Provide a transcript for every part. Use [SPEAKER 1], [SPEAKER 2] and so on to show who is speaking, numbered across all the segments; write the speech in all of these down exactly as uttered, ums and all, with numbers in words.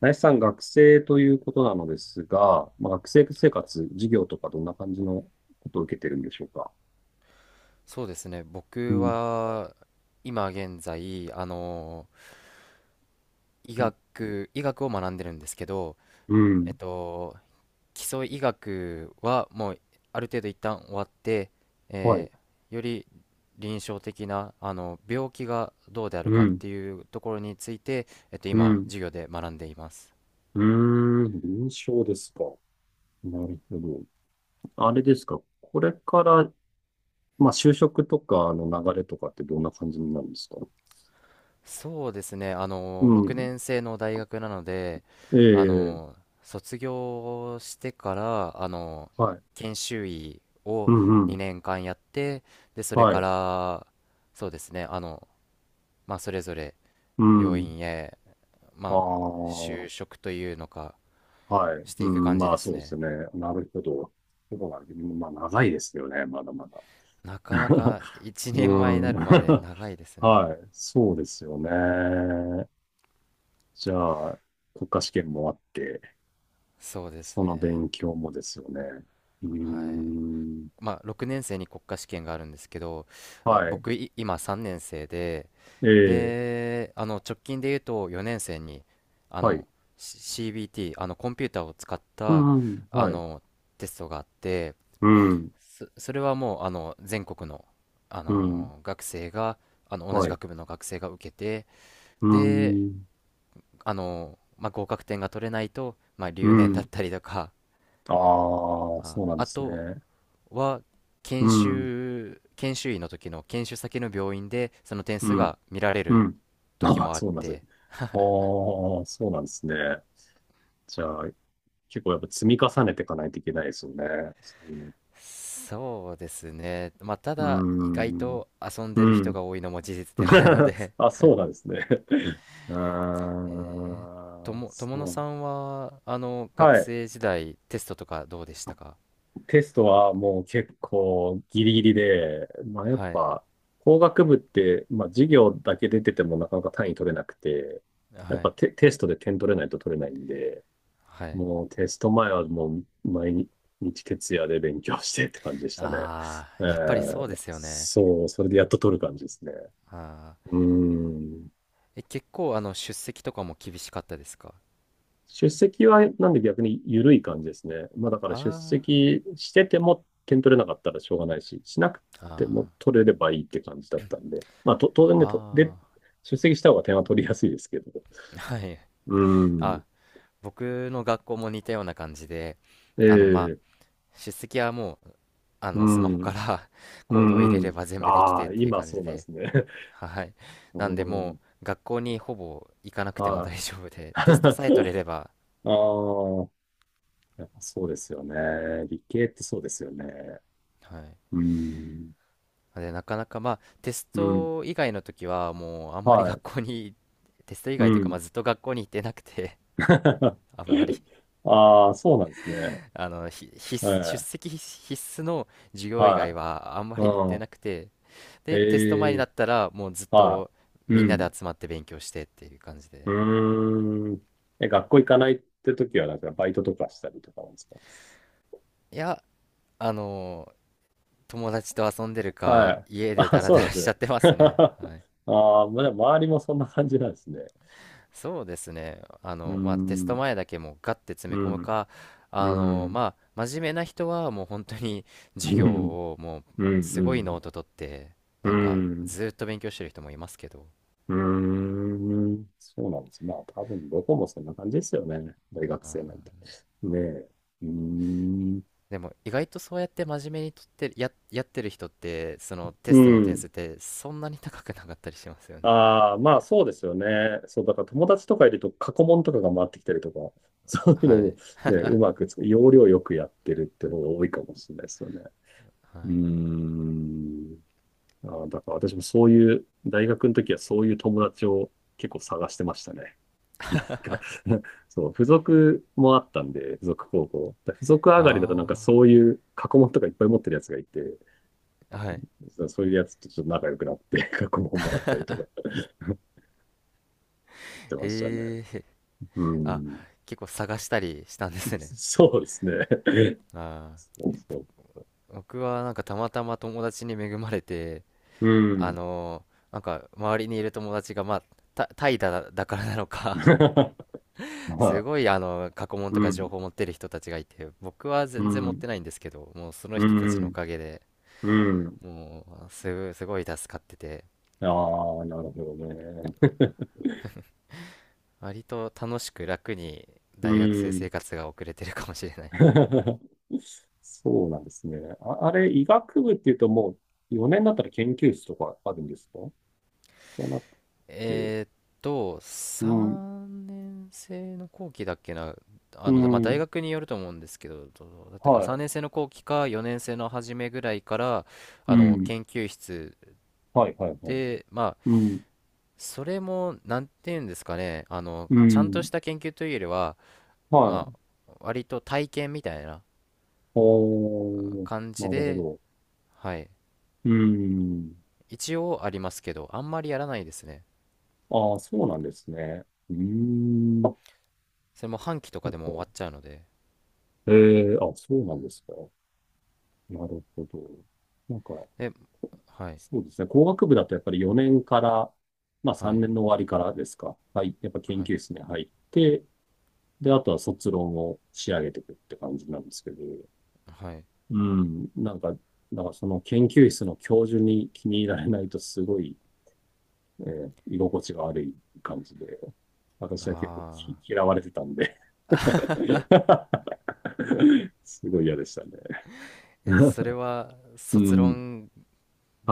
[SPEAKER 1] 林さん、学生ということなのですが、まあ、学生生活、授業とかどんな感じのことを受けてるんでしょうか？
[SPEAKER 2] そうですね。
[SPEAKER 1] う
[SPEAKER 2] 僕
[SPEAKER 1] ん。
[SPEAKER 2] は今現在、あの、医
[SPEAKER 1] うん。
[SPEAKER 2] 学、医学を学んでるんですけど、
[SPEAKER 1] うん。
[SPEAKER 2] えっと、基礎医学はもうある程度一旦終わって、
[SPEAKER 1] はい。
[SPEAKER 2] えーより臨床的な、あの、病気がどうである
[SPEAKER 1] う
[SPEAKER 2] かっ
[SPEAKER 1] ん。
[SPEAKER 2] ていうところについて、えっと、
[SPEAKER 1] う
[SPEAKER 2] 今、
[SPEAKER 1] ん。
[SPEAKER 2] 授業で学んでいます。
[SPEAKER 1] うーん。臨床ですか。なるほど。あれですか。これから、まあ、就職とかの流れとかってどんな感じになるんですか？
[SPEAKER 2] そうですね、あ
[SPEAKER 1] う
[SPEAKER 2] の、6
[SPEAKER 1] ん。
[SPEAKER 2] 年生の大学なので、
[SPEAKER 1] え
[SPEAKER 2] あ
[SPEAKER 1] え。
[SPEAKER 2] の、卒業してから、あの、
[SPEAKER 1] はい。
[SPEAKER 2] 研修医
[SPEAKER 1] う
[SPEAKER 2] を
[SPEAKER 1] んうん。
[SPEAKER 2] にねんかんやって、で、それ
[SPEAKER 1] は
[SPEAKER 2] か
[SPEAKER 1] い。
[SPEAKER 2] ら、そうですね、あの、まあ、それぞれ
[SPEAKER 1] う
[SPEAKER 2] 病
[SPEAKER 1] ん。
[SPEAKER 2] 院へ、
[SPEAKER 1] あ
[SPEAKER 2] まあ、就
[SPEAKER 1] あ。
[SPEAKER 2] 職というのか、
[SPEAKER 1] はい。
[SPEAKER 2] し
[SPEAKER 1] う
[SPEAKER 2] ていく
[SPEAKER 1] ん、
[SPEAKER 2] 感じ
[SPEAKER 1] ま
[SPEAKER 2] で
[SPEAKER 1] あそ
[SPEAKER 2] す
[SPEAKER 1] うです
[SPEAKER 2] ね。
[SPEAKER 1] ね。なるほど。そうなんです。まあ長いですよね、まだまだ。
[SPEAKER 2] なかな か一
[SPEAKER 1] う
[SPEAKER 2] 人前にな
[SPEAKER 1] ん。
[SPEAKER 2] るまで長いで すね。
[SPEAKER 1] はい。そうですよね。じゃあ、国家試験もあって、
[SPEAKER 2] そうです
[SPEAKER 1] その
[SPEAKER 2] ね。
[SPEAKER 1] 勉強もですよね。うー
[SPEAKER 2] はい。
[SPEAKER 1] ん。
[SPEAKER 2] まあ、ろくねん生に国家試験があるんですけど、え
[SPEAKER 1] はい。
[SPEAKER 2] 僕い今さんねん生で、
[SPEAKER 1] ええ、
[SPEAKER 2] で、あの直近で言うとよねん生にあ
[SPEAKER 1] はい。
[SPEAKER 2] の シービーティー あのコンピューターを使っ
[SPEAKER 1] う
[SPEAKER 2] た
[SPEAKER 1] ん、
[SPEAKER 2] あ
[SPEAKER 1] はい。
[SPEAKER 2] のテストがあって、
[SPEAKER 1] うん、
[SPEAKER 2] そ、それはもうあの全国の、あ
[SPEAKER 1] うん、
[SPEAKER 2] の学生があの同
[SPEAKER 1] は
[SPEAKER 2] じ
[SPEAKER 1] い。
[SPEAKER 2] 学部の学生が受けて、
[SPEAKER 1] う
[SPEAKER 2] で、
[SPEAKER 1] ん、
[SPEAKER 2] あのまあ、合格点が取れないと、まあ、
[SPEAKER 1] う
[SPEAKER 2] 留年だっ
[SPEAKER 1] ん。
[SPEAKER 2] たりとか、
[SPEAKER 1] ああ、
[SPEAKER 2] あ、
[SPEAKER 1] そうなんで
[SPEAKER 2] あ
[SPEAKER 1] す
[SPEAKER 2] と
[SPEAKER 1] ね。
[SPEAKER 2] は
[SPEAKER 1] う
[SPEAKER 2] 研
[SPEAKER 1] ん、
[SPEAKER 2] 修研修医の時の研修先の病院でその点数
[SPEAKER 1] うん。
[SPEAKER 2] が見られ
[SPEAKER 1] う
[SPEAKER 2] る
[SPEAKER 1] ん。
[SPEAKER 2] 時
[SPEAKER 1] ああ、
[SPEAKER 2] もあっ
[SPEAKER 1] そうなんですね。
[SPEAKER 2] て、
[SPEAKER 1] ああ、そうなんですね。じゃあ、結構やっぱ積み重ねていかないといけないですよね。そうん。
[SPEAKER 2] そうですね、まあ、た
[SPEAKER 1] う
[SPEAKER 2] だ意外
[SPEAKER 1] の。
[SPEAKER 2] と遊ん
[SPEAKER 1] うー
[SPEAKER 2] でる
[SPEAKER 1] ん。う
[SPEAKER 2] 人
[SPEAKER 1] ん。
[SPEAKER 2] が多いのも事実ではあるの で。
[SPEAKER 1] あ、そうなんですね。あ
[SPEAKER 2] えー、と
[SPEAKER 1] ー
[SPEAKER 2] も友野
[SPEAKER 1] そ
[SPEAKER 2] さ
[SPEAKER 1] う。
[SPEAKER 2] んはあの
[SPEAKER 1] は
[SPEAKER 2] 学
[SPEAKER 1] い。
[SPEAKER 2] 生時代テストとかどうでしたか？
[SPEAKER 1] テストはもう結構ギリギリで、まあやっ
[SPEAKER 2] はい
[SPEAKER 1] ぱ工学部って、まあ授業だけ出ててもなかなか単位取れなくて、
[SPEAKER 2] は
[SPEAKER 1] やっぱ
[SPEAKER 2] い
[SPEAKER 1] テ、テストで点取れないと取れないんで、
[SPEAKER 2] はい。
[SPEAKER 1] もうテスト前はもう毎日徹夜で勉強してって感じでしたね。
[SPEAKER 2] あ
[SPEAKER 1] え
[SPEAKER 2] あー、やっぱりそうで
[SPEAKER 1] ー、
[SPEAKER 2] すよね。
[SPEAKER 1] そう、それでやっと取る感じですね。
[SPEAKER 2] あ
[SPEAKER 1] う
[SPEAKER 2] あ
[SPEAKER 1] ーん。
[SPEAKER 2] ー。え結構あの出席とかも厳しかったですか？
[SPEAKER 1] 出席はなんで逆に緩い感じですね。まあだから出
[SPEAKER 2] あ
[SPEAKER 1] 席してても点取れなかったらしょうがないし、しなく
[SPEAKER 2] ー
[SPEAKER 1] ても
[SPEAKER 2] あ
[SPEAKER 1] 取れればいいって感じだったんで。まあと当
[SPEAKER 2] ー
[SPEAKER 1] 然ね、とで、
[SPEAKER 2] あー
[SPEAKER 1] 出席した方が点は取りやすいですけど。
[SPEAKER 2] はい。
[SPEAKER 1] うー
[SPEAKER 2] あ、
[SPEAKER 1] ん。
[SPEAKER 2] 僕の学校も似たような感じで、あの、まあ、
[SPEAKER 1] ええ、
[SPEAKER 2] 出席はもう、あ
[SPEAKER 1] う
[SPEAKER 2] の、スマホ
[SPEAKER 1] ん。
[SPEAKER 2] から
[SPEAKER 1] う
[SPEAKER 2] コードを入れ
[SPEAKER 1] んう
[SPEAKER 2] れ
[SPEAKER 1] ん。
[SPEAKER 2] ば全部でき
[SPEAKER 1] あ
[SPEAKER 2] てっ
[SPEAKER 1] あ、
[SPEAKER 2] ていう
[SPEAKER 1] 今
[SPEAKER 2] 感
[SPEAKER 1] そ
[SPEAKER 2] じ
[SPEAKER 1] うなんで
[SPEAKER 2] で、
[SPEAKER 1] すね。
[SPEAKER 2] はい。
[SPEAKER 1] う
[SPEAKER 2] なんで、も
[SPEAKER 1] ん。
[SPEAKER 2] う、学校にほぼ行かなくても
[SPEAKER 1] はい。
[SPEAKER 2] 大丈夫で、テスト
[SPEAKER 1] あ
[SPEAKER 2] さえ取れれば。
[SPEAKER 1] あ、やっぱそうですよね。理系ってそうですよね。
[SPEAKER 2] はい。
[SPEAKER 1] うん。
[SPEAKER 2] なんで、なかなか、まあ、テス
[SPEAKER 1] うん。
[SPEAKER 2] ト以外の時は、もう、あんまり
[SPEAKER 1] は
[SPEAKER 2] 学
[SPEAKER 1] い。
[SPEAKER 2] 校に、テスト以
[SPEAKER 1] う
[SPEAKER 2] 外というか、ま
[SPEAKER 1] ん。
[SPEAKER 2] あ、ずっと学校に行ってなくて、あんまり、
[SPEAKER 1] ああ、そうなんですね。
[SPEAKER 2] あの、ひ必
[SPEAKER 1] え
[SPEAKER 2] 須、出
[SPEAKER 1] え。
[SPEAKER 2] 席必須の授業以外
[SPEAKER 1] は
[SPEAKER 2] は、あんま
[SPEAKER 1] い。
[SPEAKER 2] り行っ
[SPEAKER 1] う
[SPEAKER 2] て
[SPEAKER 1] ん。
[SPEAKER 2] なくて、で、テスト前
[SPEAKER 1] え
[SPEAKER 2] にな
[SPEAKER 1] え。
[SPEAKER 2] ったら、もうずっ
[SPEAKER 1] は
[SPEAKER 2] と
[SPEAKER 1] い。
[SPEAKER 2] み
[SPEAKER 1] う
[SPEAKER 2] んなで
[SPEAKER 1] ん。
[SPEAKER 2] 集まって勉強してっていう感じ
[SPEAKER 1] う
[SPEAKER 2] で。
[SPEAKER 1] ーん。え、学校行かないって時は、なんかバイトとかしたりとかなんですか？
[SPEAKER 2] いや、あの、友達と遊んでる
[SPEAKER 1] は
[SPEAKER 2] か、
[SPEAKER 1] い。
[SPEAKER 2] 家で
[SPEAKER 1] あ、
[SPEAKER 2] ダラ
[SPEAKER 1] そう
[SPEAKER 2] ダ
[SPEAKER 1] なん
[SPEAKER 2] ラ
[SPEAKER 1] です
[SPEAKER 2] しちゃ
[SPEAKER 1] ね。
[SPEAKER 2] ってますね。はい。
[SPEAKER 1] ああ、まあ、でも周りもそんな感じなんですね。
[SPEAKER 2] そうですね。あ
[SPEAKER 1] うー
[SPEAKER 2] の、まあ、テス
[SPEAKER 1] ん。
[SPEAKER 2] ト前だけもうガッて詰め
[SPEAKER 1] う
[SPEAKER 2] 込む
[SPEAKER 1] ん。
[SPEAKER 2] か、
[SPEAKER 1] う
[SPEAKER 2] あの、
[SPEAKER 1] ん。
[SPEAKER 2] まあ、真面目な人はもう本当に
[SPEAKER 1] う
[SPEAKER 2] 授業
[SPEAKER 1] ん
[SPEAKER 2] をもう
[SPEAKER 1] う
[SPEAKER 2] すごい
[SPEAKER 1] ん、
[SPEAKER 2] ノート取って、
[SPEAKER 1] う
[SPEAKER 2] なんか
[SPEAKER 1] ん、うん、
[SPEAKER 2] ずーっと勉強してる人もいますけど。
[SPEAKER 1] うーん。そうなんです。まあ、多分どこもそんな感じですよね。大
[SPEAKER 2] う
[SPEAKER 1] 学生なんて。
[SPEAKER 2] ん。
[SPEAKER 1] ねえ。うーん。
[SPEAKER 2] でも意外とそうやって真面目にとってるや、やってる人ってそのテ
[SPEAKER 1] う
[SPEAKER 2] ストの点
[SPEAKER 1] ん。
[SPEAKER 2] 数ってそんなに高くなかったりしますよね。
[SPEAKER 1] ああ、まあそうですよね。そう、だから友達とかいると過去問とかが回ってきたりとか、そういう
[SPEAKER 2] は
[SPEAKER 1] のを
[SPEAKER 2] い
[SPEAKER 1] ね、うまくつ、要領よくやってるって方が多いかもしれないですよね。
[SPEAKER 2] は
[SPEAKER 1] うー
[SPEAKER 2] い
[SPEAKER 1] ん。ああ、だから私もそういう、大学の時はそういう友達を結構探してましたね。か、そう、付属もあったんで、付属高校。だ付属上がりだとなんか
[SPEAKER 2] あ
[SPEAKER 1] そういう過去問とかいっぱい持ってるやつがいて、
[SPEAKER 2] あーはい。
[SPEAKER 1] そそういうやつとちょっと仲良くなって 過去問もらったりとか やってましたね。
[SPEAKER 2] ええー。
[SPEAKER 1] う
[SPEAKER 2] あ、
[SPEAKER 1] ん。
[SPEAKER 2] 結構探したりしたんですね。そう。
[SPEAKER 1] そうですね。
[SPEAKER 2] あ
[SPEAKER 1] そうそ
[SPEAKER 2] あ。僕はなんかたまたま友達に恵まれて、
[SPEAKER 1] う。う
[SPEAKER 2] あ
[SPEAKER 1] ん。
[SPEAKER 2] のーなんか周りにいる友達がまあ、タ怠イだ、だからなのか、
[SPEAKER 1] ま
[SPEAKER 2] す
[SPEAKER 1] あ、
[SPEAKER 2] ごいあの過去問
[SPEAKER 1] う
[SPEAKER 2] とか情
[SPEAKER 1] ん、
[SPEAKER 2] 報持ってる人たちがいて、僕は
[SPEAKER 1] う
[SPEAKER 2] 全然持っ
[SPEAKER 1] ん、
[SPEAKER 2] てないんですけど、もうその
[SPEAKER 1] う
[SPEAKER 2] 人たちのお
[SPEAKER 1] ん、
[SPEAKER 2] かげで。
[SPEAKER 1] うん。
[SPEAKER 2] もうすごいすごい助かってて、
[SPEAKER 1] ああ、なるほどね。
[SPEAKER 2] 割と楽しく楽に
[SPEAKER 1] う
[SPEAKER 2] 大学生
[SPEAKER 1] ん。
[SPEAKER 2] 生活が送れてるかもしれないです。
[SPEAKER 1] そうなんですね。あ、あれ、医学部っていうともうよねんだったら研究室とかあるんですか？じゃなくて。
[SPEAKER 2] えーっと
[SPEAKER 1] うん、
[SPEAKER 2] さんねん生の後期だっけな。
[SPEAKER 1] う
[SPEAKER 2] あの、まあ、大
[SPEAKER 1] ん、
[SPEAKER 2] 学によると思うんですけど、どうだったかな、3
[SPEAKER 1] は
[SPEAKER 2] 年生の後期かよねん生の初めぐらいから
[SPEAKER 1] い、
[SPEAKER 2] あ
[SPEAKER 1] う
[SPEAKER 2] の
[SPEAKER 1] ん、
[SPEAKER 2] 研究室
[SPEAKER 1] はい、はい、はい。
[SPEAKER 2] で。まあ、
[SPEAKER 1] うん、
[SPEAKER 2] それもなんて言うんですかね、あの
[SPEAKER 1] う
[SPEAKER 2] ちゃんと
[SPEAKER 1] ん、
[SPEAKER 2] した研究というよりは
[SPEAKER 1] は
[SPEAKER 2] ま
[SPEAKER 1] い。
[SPEAKER 2] あ割と体験みたいな
[SPEAKER 1] おー、
[SPEAKER 2] 感
[SPEAKER 1] な
[SPEAKER 2] じ
[SPEAKER 1] るほ
[SPEAKER 2] で、
[SPEAKER 1] ど。
[SPEAKER 2] はい、
[SPEAKER 1] うん。
[SPEAKER 2] 一応ありますけど、あんまりやらないですね。
[SPEAKER 1] ああ、そうなんですね。うーん。なんか、
[SPEAKER 2] それも半期とかでも終わっちゃうので。
[SPEAKER 1] ええあ、そうなんですか。なるほど。なんか、
[SPEAKER 2] え、はい、
[SPEAKER 1] そうですね。工学部だとやっぱりよねんから、まあ
[SPEAKER 2] は
[SPEAKER 1] 3
[SPEAKER 2] い、
[SPEAKER 1] 年の終わりからですか。はい。やっぱ研
[SPEAKER 2] はい、
[SPEAKER 1] 究室に入って、で、あとは卒論を仕上げていくって感じなんですけど、
[SPEAKER 2] はい。
[SPEAKER 1] うん。なんか、だからその研究室の教授に気に入られないとすごい、えー居心地が悪い感じで、私は結構
[SPEAKER 2] あ
[SPEAKER 1] き
[SPEAKER 2] あ
[SPEAKER 1] 嫌われてたんで すごい嫌でしたね。
[SPEAKER 2] ー。え、それは、
[SPEAKER 1] う
[SPEAKER 2] 卒
[SPEAKER 1] ん。
[SPEAKER 2] 論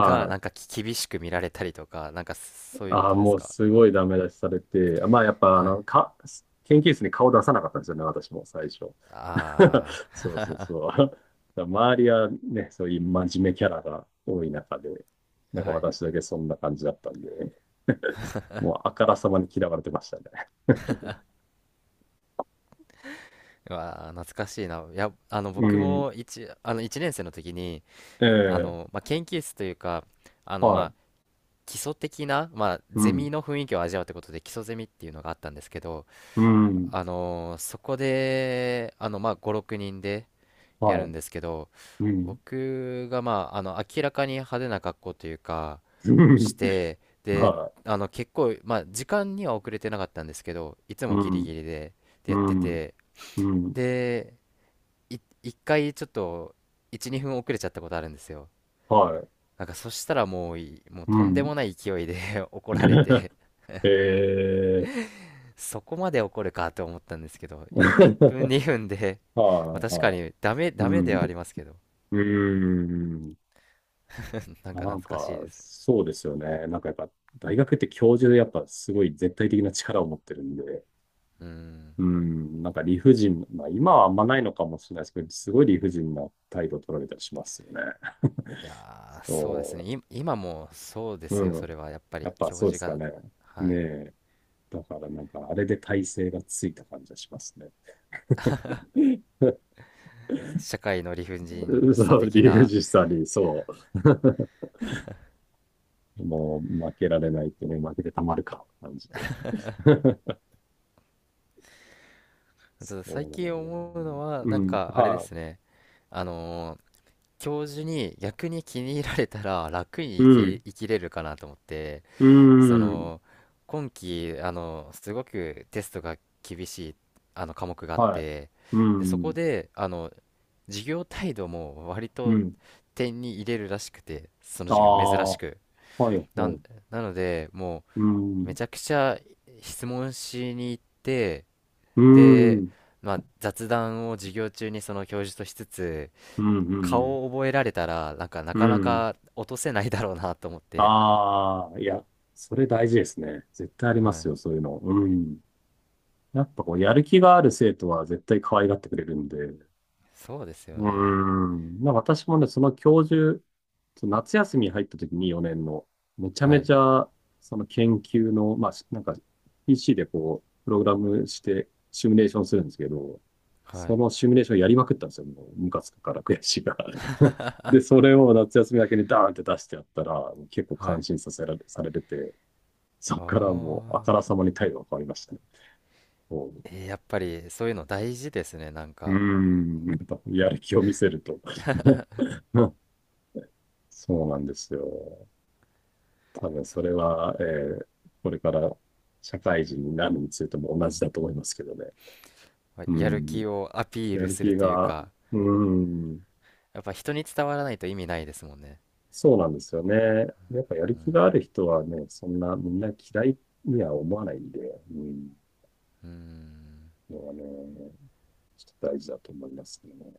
[SPEAKER 2] がなん
[SPEAKER 1] い。
[SPEAKER 2] かき厳しく見られたりとか、なんかそういうこ
[SPEAKER 1] ああ、
[SPEAKER 2] とで
[SPEAKER 1] も
[SPEAKER 2] す
[SPEAKER 1] う
[SPEAKER 2] か？
[SPEAKER 1] すごいダメ出しされて、まあやっぱあ
[SPEAKER 2] はい。
[SPEAKER 1] の、か、研究室に顔出さなかったんですよね、私も最初。
[SPEAKER 2] あ
[SPEAKER 1] そうそうそう。だから周りはね、そういう真面目キャラが多い中で、な
[SPEAKER 2] あ、
[SPEAKER 1] んか
[SPEAKER 2] はい。
[SPEAKER 1] 私だけそんな感じだったんで、もうあからさまに嫌われてましたね。
[SPEAKER 2] うわあ、懐かしいな。いや、あの、
[SPEAKER 1] う
[SPEAKER 2] 僕
[SPEAKER 1] ん。
[SPEAKER 2] も一、あの、一年生の時に、
[SPEAKER 1] え
[SPEAKER 2] あ
[SPEAKER 1] え、
[SPEAKER 2] の、まあ、研究室というか、あの、
[SPEAKER 1] は
[SPEAKER 2] まあ、
[SPEAKER 1] い。
[SPEAKER 2] 基礎的な、まあ、
[SPEAKER 1] う
[SPEAKER 2] ゼミ
[SPEAKER 1] ん。
[SPEAKER 2] の雰囲気を味わうってことで、基礎ゼミっていうのがあったんですけど、
[SPEAKER 1] うん。
[SPEAKER 2] あのーそこで、あの、まあ、ご、ろくにんでや
[SPEAKER 1] は
[SPEAKER 2] るん
[SPEAKER 1] い。
[SPEAKER 2] ですけど、
[SPEAKER 1] うん。
[SPEAKER 2] 僕が、まあ、あの、明らかに派手な格好というか、して、で、
[SPEAKER 1] は
[SPEAKER 2] あの、結構、まあ、時間には遅れてなかったんですけど、いつ
[SPEAKER 1] い。
[SPEAKER 2] も
[SPEAKER 1] う
[SPEAKER 2] ギリギ
[SPEAKER 1] ん。
[SPEAKER 2] リで、で、
[SPEAKER 1] う
[SPEAKER 2] やって
[SPEAKER 1] ん。
[SPEAKER 2] て、
[SPEAKER 1] うん。
[SPEAKER 2] で、い、一回ちょっと、いち、にふん遅れちゃったことあるんですよ。
[SPEAKER 1] はい。
[SPEAKER 2] なんか、そしたらもうい、もう
[SPEAKER 1] う
[SPEAKER 2] とんで
[SPEAKER 1] ん。
[SPEAKER 2] もない勢いで 怒られ て、
[SPEAKER 1] ええ。
[SPEAKER 2] そこまで怒るかと思ったんですけど、いいっぷん にふんで まあ
[SPEAKER 1] はい
[SPEAKER 2] 確か
[SPEAKER 1] はい。
[SPEAKER 2] にダメ、
[SPEAKER 1] う
[SPEAKER 2] ダメ
[SPEAKER 1] ん。
[SPEAKER 2] で
[SPEAKER 1] う
[SPEAKER 2] はありますけど、
[SPEAKER 1] ーん。
[SPEAKER 2] なんか
[SPEAKER 1] な
[SPEAKER 2] 懐
[SPEAKER 1] ん
[SPEAKER 2] かしい
[SPEAKER 1] か、
[SPEAKER 2] です。
[SPEAKER 1] そうですよね。なんかやっぱ、大学って教授でやっぱすごい絶対的な力を持ってるんで、
[SPEAKER 2] うん。
[SPEAKER 1] うん。なんか理不尽、まあ今はあんまないのかもしれないですけど、すごい理不尽な態度を取られたりしますよね。
[SPEAKER 2] いやー、そうですね。
[SPEAKER 1] そ
[SPEAKER 2] い今もそうで
[SPEAKER 1] う。
[SPEAKER 2] すよ、
[SPEAKER 1] う
[SPEAKER 2] そ
[SPEAKER 1] ん。
[SPEAKER 2] れはやっぱ
[SPEAKER 1] や
[SPEAKER 2] り
[SPEAKER 1] っぱ
[SPEAKER 2] 教
[SPEAKER 1] そうで
[SPEAKER 2] 授
[SPEAKER 1] すか
[SPEAKER 2] が。
[SPEAKER 1] ね。
[SPEAKER 2] は
[SPEAKER 1] ね
[SPEAKER 2] い。
[SPEAKER 1] え。だからなんか、あれで体勢がついた感じがしますね。
[SPEAKER 2] 社会の理不尽
[SPEAKER 1] そ
[SPEAKER 2] さ
[SPEAKER 1] う、
[SPEAKER 2] 的
[SPEAKER 1] 理不
[SPEAKER 2] な、
[SPEAKER 1] 尽さに、そう。もう負けられないってね、負けてたまるか、感じで。そ
[SPEAKER 2] ただ最
[SPEAKER 1] うなん
[SPEAKER 2] 近
[SPEAKER 1] だ
[SPEAKER 2] 思うの
[SPEAKER 1] ね、
[SPEAKER 2] は、な
[SPEAKER 1] う
[SPEAKER 2] ん
[SPEAKER 1] ん、
[SPEAKER 2] かあれで
[SPEAKER 1] は
[SPEAKER 2] すね。あのー教授に逆に気に入られたら楽に
[SPEAKER 1] い。う
[SPEAKER 2] 生き、
[SPEAKER 1] ん、
[SPEAKER 2] 生きれるかなと思って、
[SPEAKER 1] う
[SPEAKER 2] そ
[SPEAKER 1] ん、
[SPEAKER 2] の今期あのすごくテストが厳しいあの科目があっ
[SPEAKER 1] はい。
[SPEAKER 2] て、
[SPEAKER 1] う
[SPEAKER 2] でそこ
[SPEAKER 1] ん、
[SPEAKER 2] であの授業態度も割
[SPEAKER 1] う
[SPEAKER 2] と
[SPEAKER 1] ん。
[SPEAKER 2] 点に入れるらしくて、その
[SPEAKER 1] あ
[SPEAKER 2] 授業珍
[SPEAKER 1] あ、
[SPEAKER 2] し
[SPEAKER 1] は
[SPEAKER 2] く、
[SPEAKER 1] い、
[SPEAKER 2] な
[SPEAKER 1] は
[SPEAKER 2] ん
[SPEAKER 1] い。
[SPEAKER 2] なのでも
[SPEAKER 1] うん、
[SPEAKER 2] うめ
[SPEAKER 1] う
[SPEAKER 2] ちゃくちゃ質問しに行って、
[SPEAKER 1] ー
[SPEAKER 2] で、
[SPEAKER 1] ん、
[SPEAKER 2] まあ、雑談を授業中にその教授としつつ、
[SPEAKER 1] うん、うん、
[SPEAKER 2] 顔を覚えられたらなんかな
[SPEAKER 1] うん。
[SPEAKER 2] かな
[SPEAKER 1] うん、
[SPEAKER 2] か落とせないだろうなと思っ
[SPEAKER 1] あ
[SPEAKER 2] て。
[SPEAKER 1] あ、はいはい、うんうんうんうんうんうん、ああいや、それ大事ですね。絶対ありま
[SPEAKER 2] は
[SPEAKER 1] す
[SPEAKER 2] い、
[SPEAKER 1] よ、そういうの。うん。やっぱこう、やる気がある生徒は絶対可愛がってくれるんで、
[SPEAKER 2] そうですよ
[SPEAKER 1] うー
[SPEAKER 2] ね、
[SPEAKER 1] ん。まあ私もね、その教授、その夏休みに入った時によねんの、めちゃ
[SPEAKER 2] は
[SPEAKER 1] め
[SPEAKER 2] い
[SPEAKER 1] ちゃ、その研究の、まあ、しなんか ピーシー でこう、プログラムしてシミュレーションするんですけど、
[SPEAKER 2] は
[SPEAKER 1] そ
[SPEAKER 2] い
[SPEAKER 1] のシミュレーションやりまくったんですよ。もう、ムカつくから悔しいから。で、それを夏休みだけにダーンって出してやったら、結構
[SPEAKER 2] は
[SPEAKER 1] 感
[SPEAKER 2] い。
[SPEAKER 1] 心させられ、されてて、そ
[SPEAKER 2] あ
[SPEAKER 1] っからもう、あ
[SPEAKER 2] あ。
[SPEAKER 1] からさまに態度が変わりましたね。こう、
[SPEAKER 2] えーやっぱりそういうの大事ですね。なん
[SPEAKER 1] うー
[SPEAKER 2] か、
[SPEAKER 1] ん、やっぱやる気を見せると。そうなんですよ。多分そ
[SPEAKER 2] そ
[SPEAKER 1] れは、えーこれから社会人になるについても同じだと思いますけどね。
[SPEAKER 2] まあ
[SPEAKER 1] う
[SPEAKER 2] やる
[SPEAKER 1] ん。
[SPEAKER 2] 気をアピー
[SPEAKER 1] や
[SPEAKER 2] ル
[SPEAKER 1] る
[SPEAKER 2] する
[SPEAKER 1] 気
[SPEAKER 2] という
[SPEAKER 1] が、
[SPEAKER 2] か、
[SPEAKER 1] うん。
[SPEAKER 2] やっぱ人に伝わらないと意味ないですもんね。
[SPEAKER 1] そうなんですよね。やっぱやる
[SPEAKER 2] う
[SPEAKER 1] 気があ
[SPEAKER 2] ん。
[SPEAKER 1] る人はね、そんなみんな嫌いには思わないんで、うん。
[SPEAKER 2] うん。
[SPEAKER 1] のはね、ちょっと大事だと思いますけどね。